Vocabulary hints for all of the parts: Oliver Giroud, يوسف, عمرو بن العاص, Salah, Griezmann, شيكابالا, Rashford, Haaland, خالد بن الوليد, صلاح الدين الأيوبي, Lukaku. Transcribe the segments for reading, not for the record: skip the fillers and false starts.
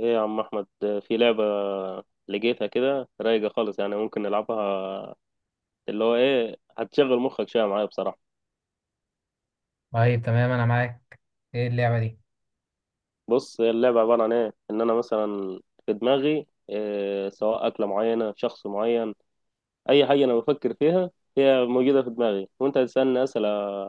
ايه يا عم احمد؟ في لعبة لقيتها كده رايقة خالص، يعني ممكن نلعبها. اللي هو ايه، هتشغل مخك شوية معايا بصراحة. طيب، تمام، انا معاك. ايه اللعبة دي؟ بص، اللعبة عبارة عن ايه، ان انا مثلا في دماغي إيه، سواء اكلة معينة، شخص معين، اي حاجة انا بفكر فيها، هي موجودة في دماغي وانت هتسألني اسئلة.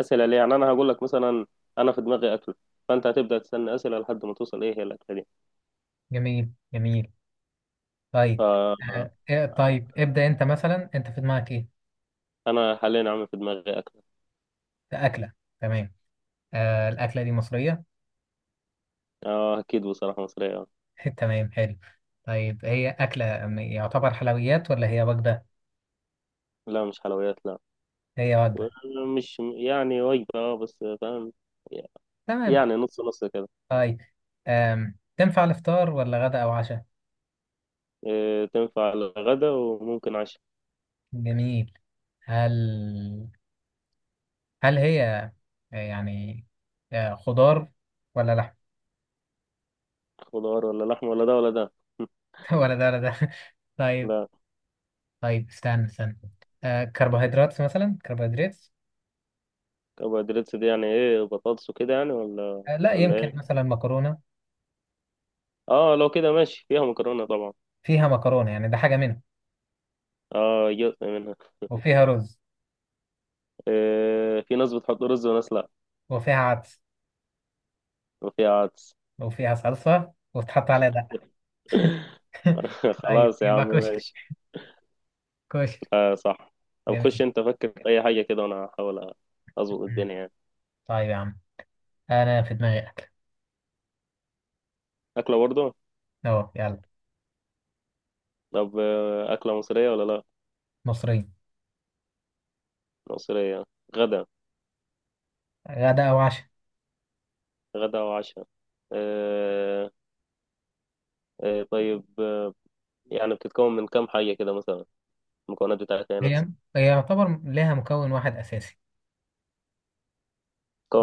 اسئلة ليه؟ يعني انا هقول لك مثلا انا في دماغي اكلة، فانت هتبدأ تسألني اسئلة لحد ما توصل ايه هي الاكلة دي. جميل جميل. طيب، فانا إيه، طيب، ابدأ انت، مثلا انت في دماغك ايه؟ حاليا عامل في دماغي اكلة. ده اكلة؟ تمام. الاكلة دي مصرية؟ اه اكيد، بصراحة مصرية. تمام، حلو. طيب، هي اكلة يعتبر حلويات ولا هي وجبة؟ لا مش حلويات، لا. هي وجبة؟ مش يعني وجبة، اه، بس فاهم، تمام. يعني نص نص كده. طيب، تنفع الافطار ولا غدا او عشاء؟ تنفع الغدا وممكن عشاء. جميل. هل هل هي، يعني، خضار ولا لحم؟ خضار ولا لحم ولا ده ولا ده؟ ولا ده ولا ده. طيب. لا. طيب، استنى استنى. كربوهيدرات، مثلا كربوهيدرات. كربوهيدرات دي يعني ايه، بطاطس وكده يعني ولا؟ لا، ولا ايه؟ يمكن مثلا مكرونة. اه لو كده ماشي، فيها مكرونة طبعا. فيها مكرونة، يعني ده حاجة منها. اه جزء منها. وفيها رز. إيه، في ناس بتحط رز وناس لا. وفيها عدس. وفيها عدس. وفيها صلصة وتحط عليها ده. طيب، خلاص يا يبقى عم كشري. ماشي. كشري. آه صح. طب خش جميل. انت فكر في اي حاجة كده وانا هحاول اظبط مم. الدنيا يعني. طيب يا عم، أنا في دماغي أكل. اكله برضه. أهو، يلا. طب أكلة مصرية ولا لأ؟ مصرية. مصرية. غدا. غدا أو عشاء. غدا وعشاء. آه. آه طيب، يعني بتتكون من كم حاجة كده مثلا؟ المكونات بتاعتها هي هي نفسها؟ هي يعتبر لها مكون واحد أساسي.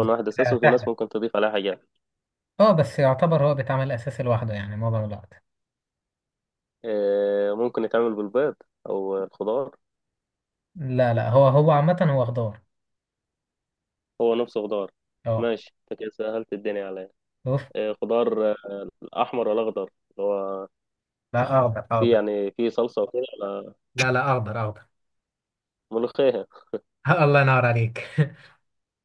واحد أساسي وفي ناس سهلة. ممكن تضيف عليها حاجات. اه، بس يعتبر هو بيتعمل أساسي لوحده، يعني معظم الوقت. آه ممكن يتعمل بالبيض أو الخضار. لا لا، هو هو عامة، هو خضار. هو نفسه خضار. اه. ماشي، أنت كده سهلت الدنيا عليا. اوف. آه خضار، أحمر ولا أخضر؟ اللي هو لا، في اخضر. يعني في صلصة وكده على لا لا، اخضر اخضر. ملوخية. الله ينور عليك.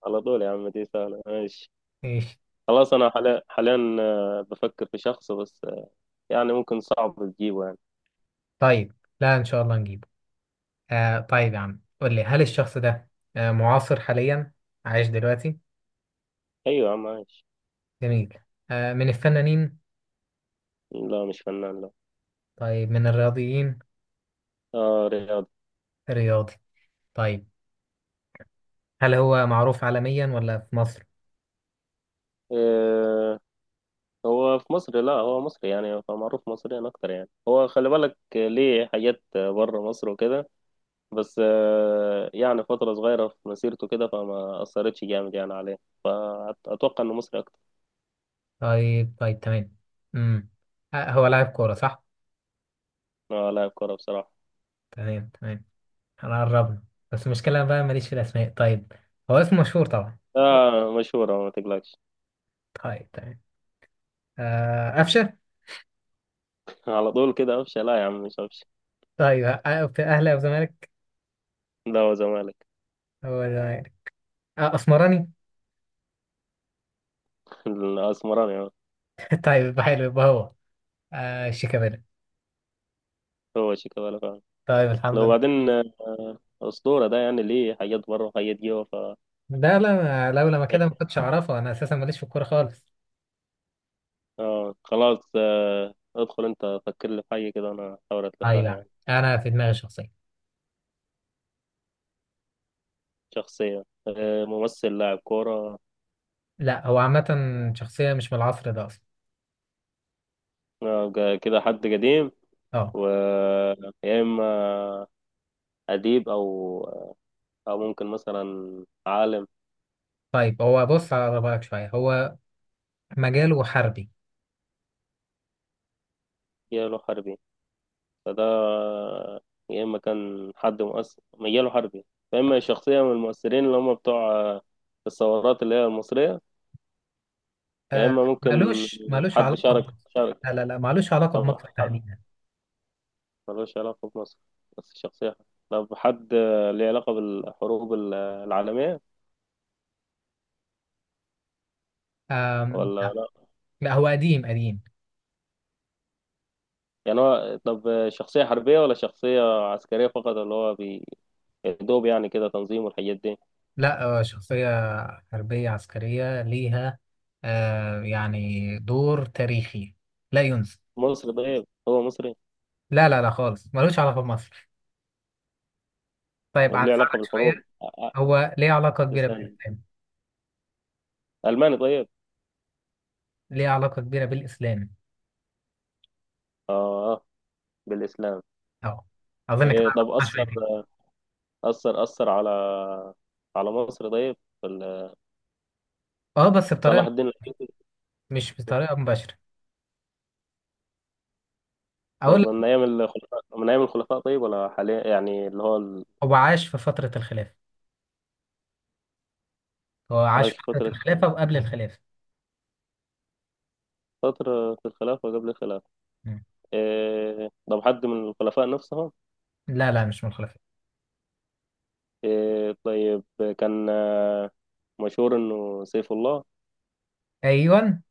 على طول يا عم، دي سهلة ماشي. ماشي. خلاص، أنا حاليا حاليا بفكر في شخص، بس يعني ممكن صعب تجيبه يعني. طيب. لا، ان شاء الله نجيبه. طيب يا عم، قول لي، هل الشخص ده معاصر حاليا؟ عايش دلوقتي؟ ايوه ماشي. جميل. من الفنانين؟ لا مش فنان، لا. طيب، من الرياضيين؟ آه رياضي. رياضي؟ طيب. هل هو معروف عالميا ولا في مصر؟ آه، هو في مصر، لا هو مصري، يعني هو معروف مصريا اكتر، يعني هو خلي بالك ليه حاجات بره مصر وكده، بس آه يعني فترة صغيرة في مسيرته كده، فما اثرتش جامد يعني عليه. اتوقع انه مصري اكتر. طيب طيب، تمام. امم هو لاعب كورة، صح؟ اه لاعب كورة بصراحة. تمام تمام. انا قربنا. بس المشكلة بقى، ماليش في الاسماء. طيب. هو اسمه مشهور طبعا. اه مشهورة ما تقلقش. طيب، تمام. قفشة؟ على طول كده قفشة؟ لا يا عم مش قفشة. طيب، في اهلي او زمالك؟ ده هو زمالك. هو ده؟ اسمراني؟ الاسمراني هو. طيب، حلو، يبقى هو شيكابالا؟ هو شيكابالا فعلا. طيب، الحمد لو لله. بعدين أسطورة ده، يعني ليه حاجات بره وحاجات جوه، ف لا لا، أنا لولا ما كده ما كنتش اعرفه، انا اساسا ماليش في الكوره خالص. اه خلاص، ادخل انت فكر لي في حاجة كده انا احاول اتلفها ايوه، يعني. انا في دماغي شخصيه. شخصية، ممثل؟ لاعب كورة؟ لا، هو عامه. شخصيه مش من العصر ده اصلا. كده حد قديم. اه. و يا اما اديب، او او ممكن مثلا عالم. طيب، هو بص، هقربها لك شويه. هو مجاله حربي. مجاله حربي؟ فده يا اما كان حد مؤثر مجاله حربي، فاما شخصية من المؤثرين اللي هم بتوع الثورات اللي هي المصرية، يا إما ممكن مالوش مالوش حد علاقه شارك بمصر. شارك لا لا لا، مالوش علاقه طبعا. بمصر حد تحديدا. ملوش علاقة بمصر بس شخصية. طب حد ليه علاقة بالحروب العالمية ولا لا. لا؟ لا، هو قديم قديم. يعني هو طب شخصية حربية ولا شخصية عسكرية فقط، اللي هو يا دوب يعني كده تنظيم والحاجات دي. لا، شخصيه حربية عسكرية، ليها يعني دور تاريخي لا ينسى. مصري؟ طيب هو مصري؟ لا لا لا، خالص ملوش علاقة بمصر. طيب، طب ليه علاقة هنساعدك بالحروب؟ شوية. هو ليه علاقة كبيرة استنى. بالإسلام. ألماني طيب؟ ليه علاقة كبيرة بالإسلام. اه، آه، بالإسلام. اه، أظن كده إيه، طب عرفناها أثر، شويتين. أثر على على مصر؟ طيب في اه، بس صلاح بطريقة، الدين الأيوبي؟ مش بطريقة مباشرة، أقول طب من لك. أيام الخلفاء؟ من أيام الخلفاء طيب، ولا حاليا، يعني اللي هو هو عاش في فترة الخلافة. هو عاش في عاش فترة فترة، الخلافة وقبل الخلافة. في الخلافة وقبل الخلافة. مم. إيه، طب حد من الخلفاء نفسهم؟ لا لا، مش من الخلافة. إيه طيب، كان مشهور إنه سيف الله؟ أيوة.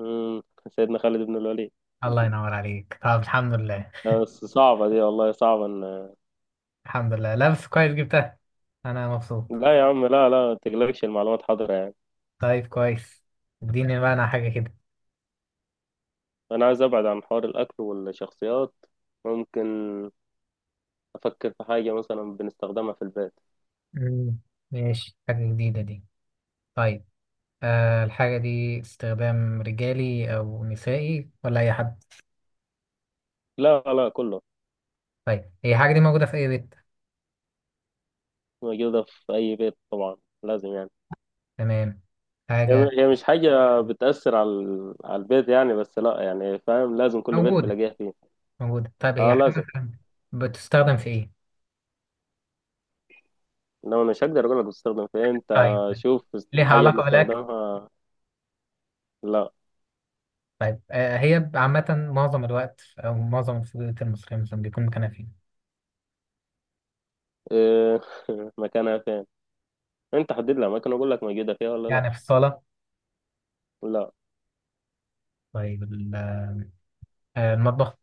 مم، سيدنا خالد بن الوليد. الله ينور عليك. طب، الحمد لله. بس صعبة دي والله، صعبة إن. الحمد لله لابس كويس جبتها. أنا مبسوط. لا يا عم لا لا، ما تقلقش، المعلومات حاضرة يعني. طيب، كويس. اديني بقى انا حاجة كده. أنا عايز أبعد عن حوار الأكل والشخصيات. ممكن أفكر في حاجة مثلا بنستخدمها في البيت. مم. ماشي، حاجة جديدة دي. طيب، الحاجة دي استخدام رجالي أو نسائي ولا أي حد؟ لا لا كله. طيب، هي الحاجة دي موجودة في أي بيت؟ موجودة في أي بيت طبعا، لازم يعني. تمام. هي حاجة. هي مش حاجة بتأثر على على البيت يعني، بس لا يعني فاهم لازم كل بيت موجودة، تلاقيها فيه. موجودة. طيب، هي اه حاجة لازم. مثلا بتستخدم في إيه؟ انما مش هقدر اقول لك بتستخدم فين انت. طيب، شوف، ليها حاجة علاقة بالأكل؟ بنستخدمها. لا. طيب، هي عامة، معظم الوقت أو معظم البيوت المصرية مثلا بيكون مكانها فين؟ إيه؟ مكانها فين؟ انت حدد لها مكان اقول لك موجودة فيها ولا لا. يعني في الصالة؟ لا. طيب، المطبخ؟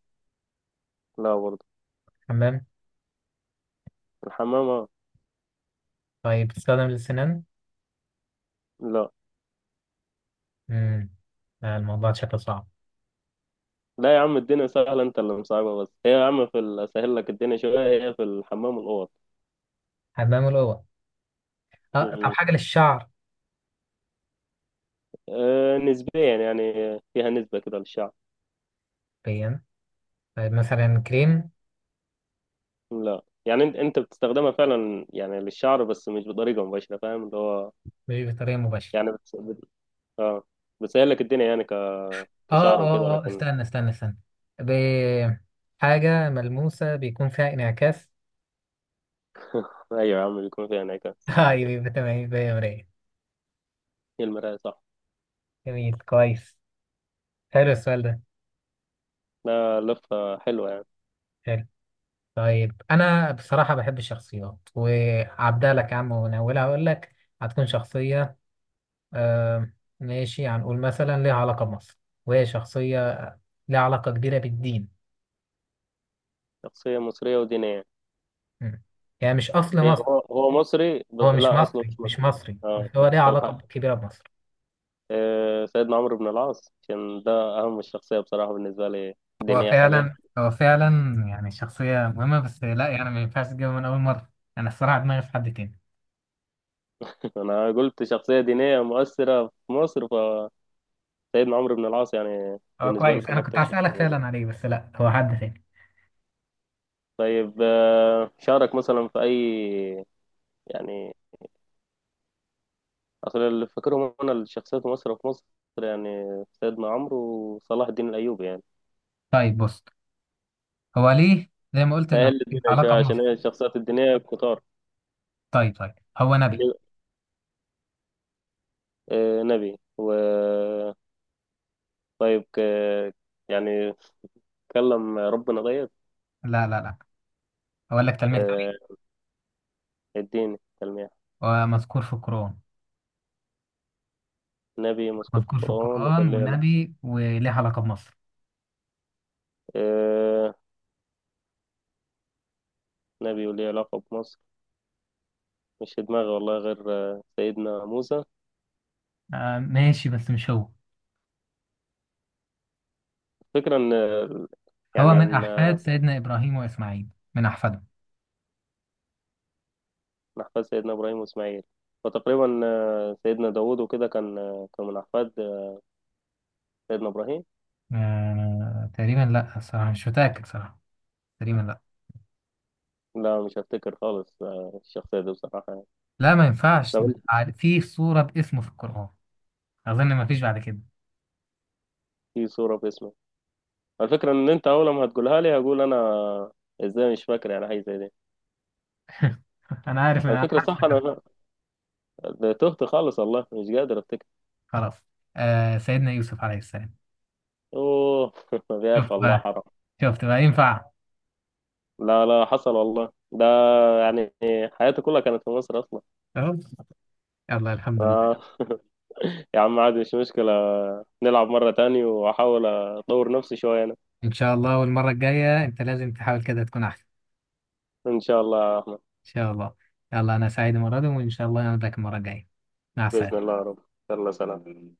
لا برضه. حمام؟ الحمام، آه. طيب، بتستخدم للسنان؟ لا امم لا، الموضوع شكله صعب. لا يا عم، الدنيا سهلة، انت اللي مصعبة بس، هي يا عم في اسهل لك الدنيا شوية، هي في الحمام والأوض. هنعمله هو. اه، طب م- حاجة للشعر؟ نسبيا يعني، فيها نسبة كده للشعب. بين. طيب، مثلا كريم؟ لا، يعني انت بتستخدمها فعلا يعني للشعر، بس مش بطريقه مباشره، فاهم؟ اللي هو مش بطريقة مباشرة. يعني اه بتسهل لك الدنيا يعني، اه، كشعر وكده اه، اه، لكن استنى استنى استنى. ب... حاجة ملموسة بيكون فيها انعكاس؟ ايوه يا عم بيكون فيها انعكاس. اه، يبقى تمام، يبقى مراية. هي المرايه صح. جميل، كويس. حلو السؤال ده. لا لفه حلوه يعني. حلو. طيب، أنا بصراحة بحب الشخصيات وعبدالك يا عم وناولها أقول لك. هتكون شخصية. آه ماشي، هنقول مثلا ليها علاقة بمصر، وهي شخصية ليها علاقة كبيرة بالدين. شخصيه مصريه ودينيه. مم. يعني مش أصل هي مصر؟ هو, هو مصري؟ هو مش لا اصله مصري، مش مش مصري. مصري، اه بس هو ليه طب علاقة حق، كبيرة بمصر. آه سيدنا عمرو بن العاص، عشان ده اهم الشخصيه بصراحه بالنسبه لي هو دينيه حاليا. فعلا هو فعلا يعني شخصية مهمة، بس لا، يعني ما ينفعش تجيبها من أول مرة. أنا الصراحة دماغي في حد تاني. انا قلت شخصيه دينيه مؤثره في مصر، فسيدنا عمرو بن العاص يعني هو بالنسبة لي كويس، كان أنا كنت أكتر هسألك شخصية. فعلا عليه، بس لا، هو حد تاني. طيب شارك مثلا في أي، يعني أصل اللي فاكرهم أنا الشخصيات مصر في مصر، يعني سيدنا عمرو وصلاح الدين الأيوبي يعني. طيب، بص، هو ليه، زي ما قلت إن هو سهل ليه الدنيا علاقة شوية عشان بمصر. هي الشخصيات الدينية كتار. طيب طيب، هو نبي؟ اللي- نبي و طيب يعني كلم ربنا؟ طيب لا لا لا. أقول لك تلميح تاني. آه، اديني تلميح. هو مذكور في القرآن. نبي مذكور في مذكور في القرآن القرآن وكان ليه علاقة؟ ونبي وليه علاقة بمصر. آه، نبي وليه علاقة بمصر، مش في دماغي والله غير سيدنا موسى. ماشي، بس مش هو. فكرة إن، هو يعني من إن أحفاد سيدنا إبراهيم وإسماعيل. من أحفادهم. من أحفاد سيدنا إبراهيم وإسماعيل، فتقريبا سيدنا داوود وكده كان كان من أحفاد سيدنا إبراهيم. تقريبا لا، الصراحة مش متأكد صراحة. تقريبا لا. لا مش هفتكر خالص الشخصية دي بصراحة يعني. لا، ما ينفعش لو أنت ده، في صورة باسمه في القرآن. أظن ما فيش بعد كده. في صورة في اسمه. الفكرة إن أنت أول ما هتقولها لي هقول أنا إزاي مش فاكر يعني حاجة زي دي. أنا عارف إن أنا الفكرة حاسس صح، إنك أنا أنا ده تهت خالص والله، مش قادر أفتكر. خلاص. سيدنا يوسف عليه السلام. أوه. يا شفت أخي والله بقى. حرام. شفت بقى ينفع. لا لا، حصل والله ده، يعني حياتي كلها كانت في مصر أصلا. أهو. يلا، الحمد لله. آه، يا عم عادي، مش مشكلة، نلعب مرة تاني وأحاول أطور نفسي شوية. إن شاء الله، والمرة الجاية أنت لازم تحاول كده تكون أحسن. إن شاء الله يا أحمد. شاء الله. يلا، أنا سعيد المرة دي وإن شاء الله أنا ذاك المرة الجاية. مع بإذن السلامة. الله يا رب. يلا سلام.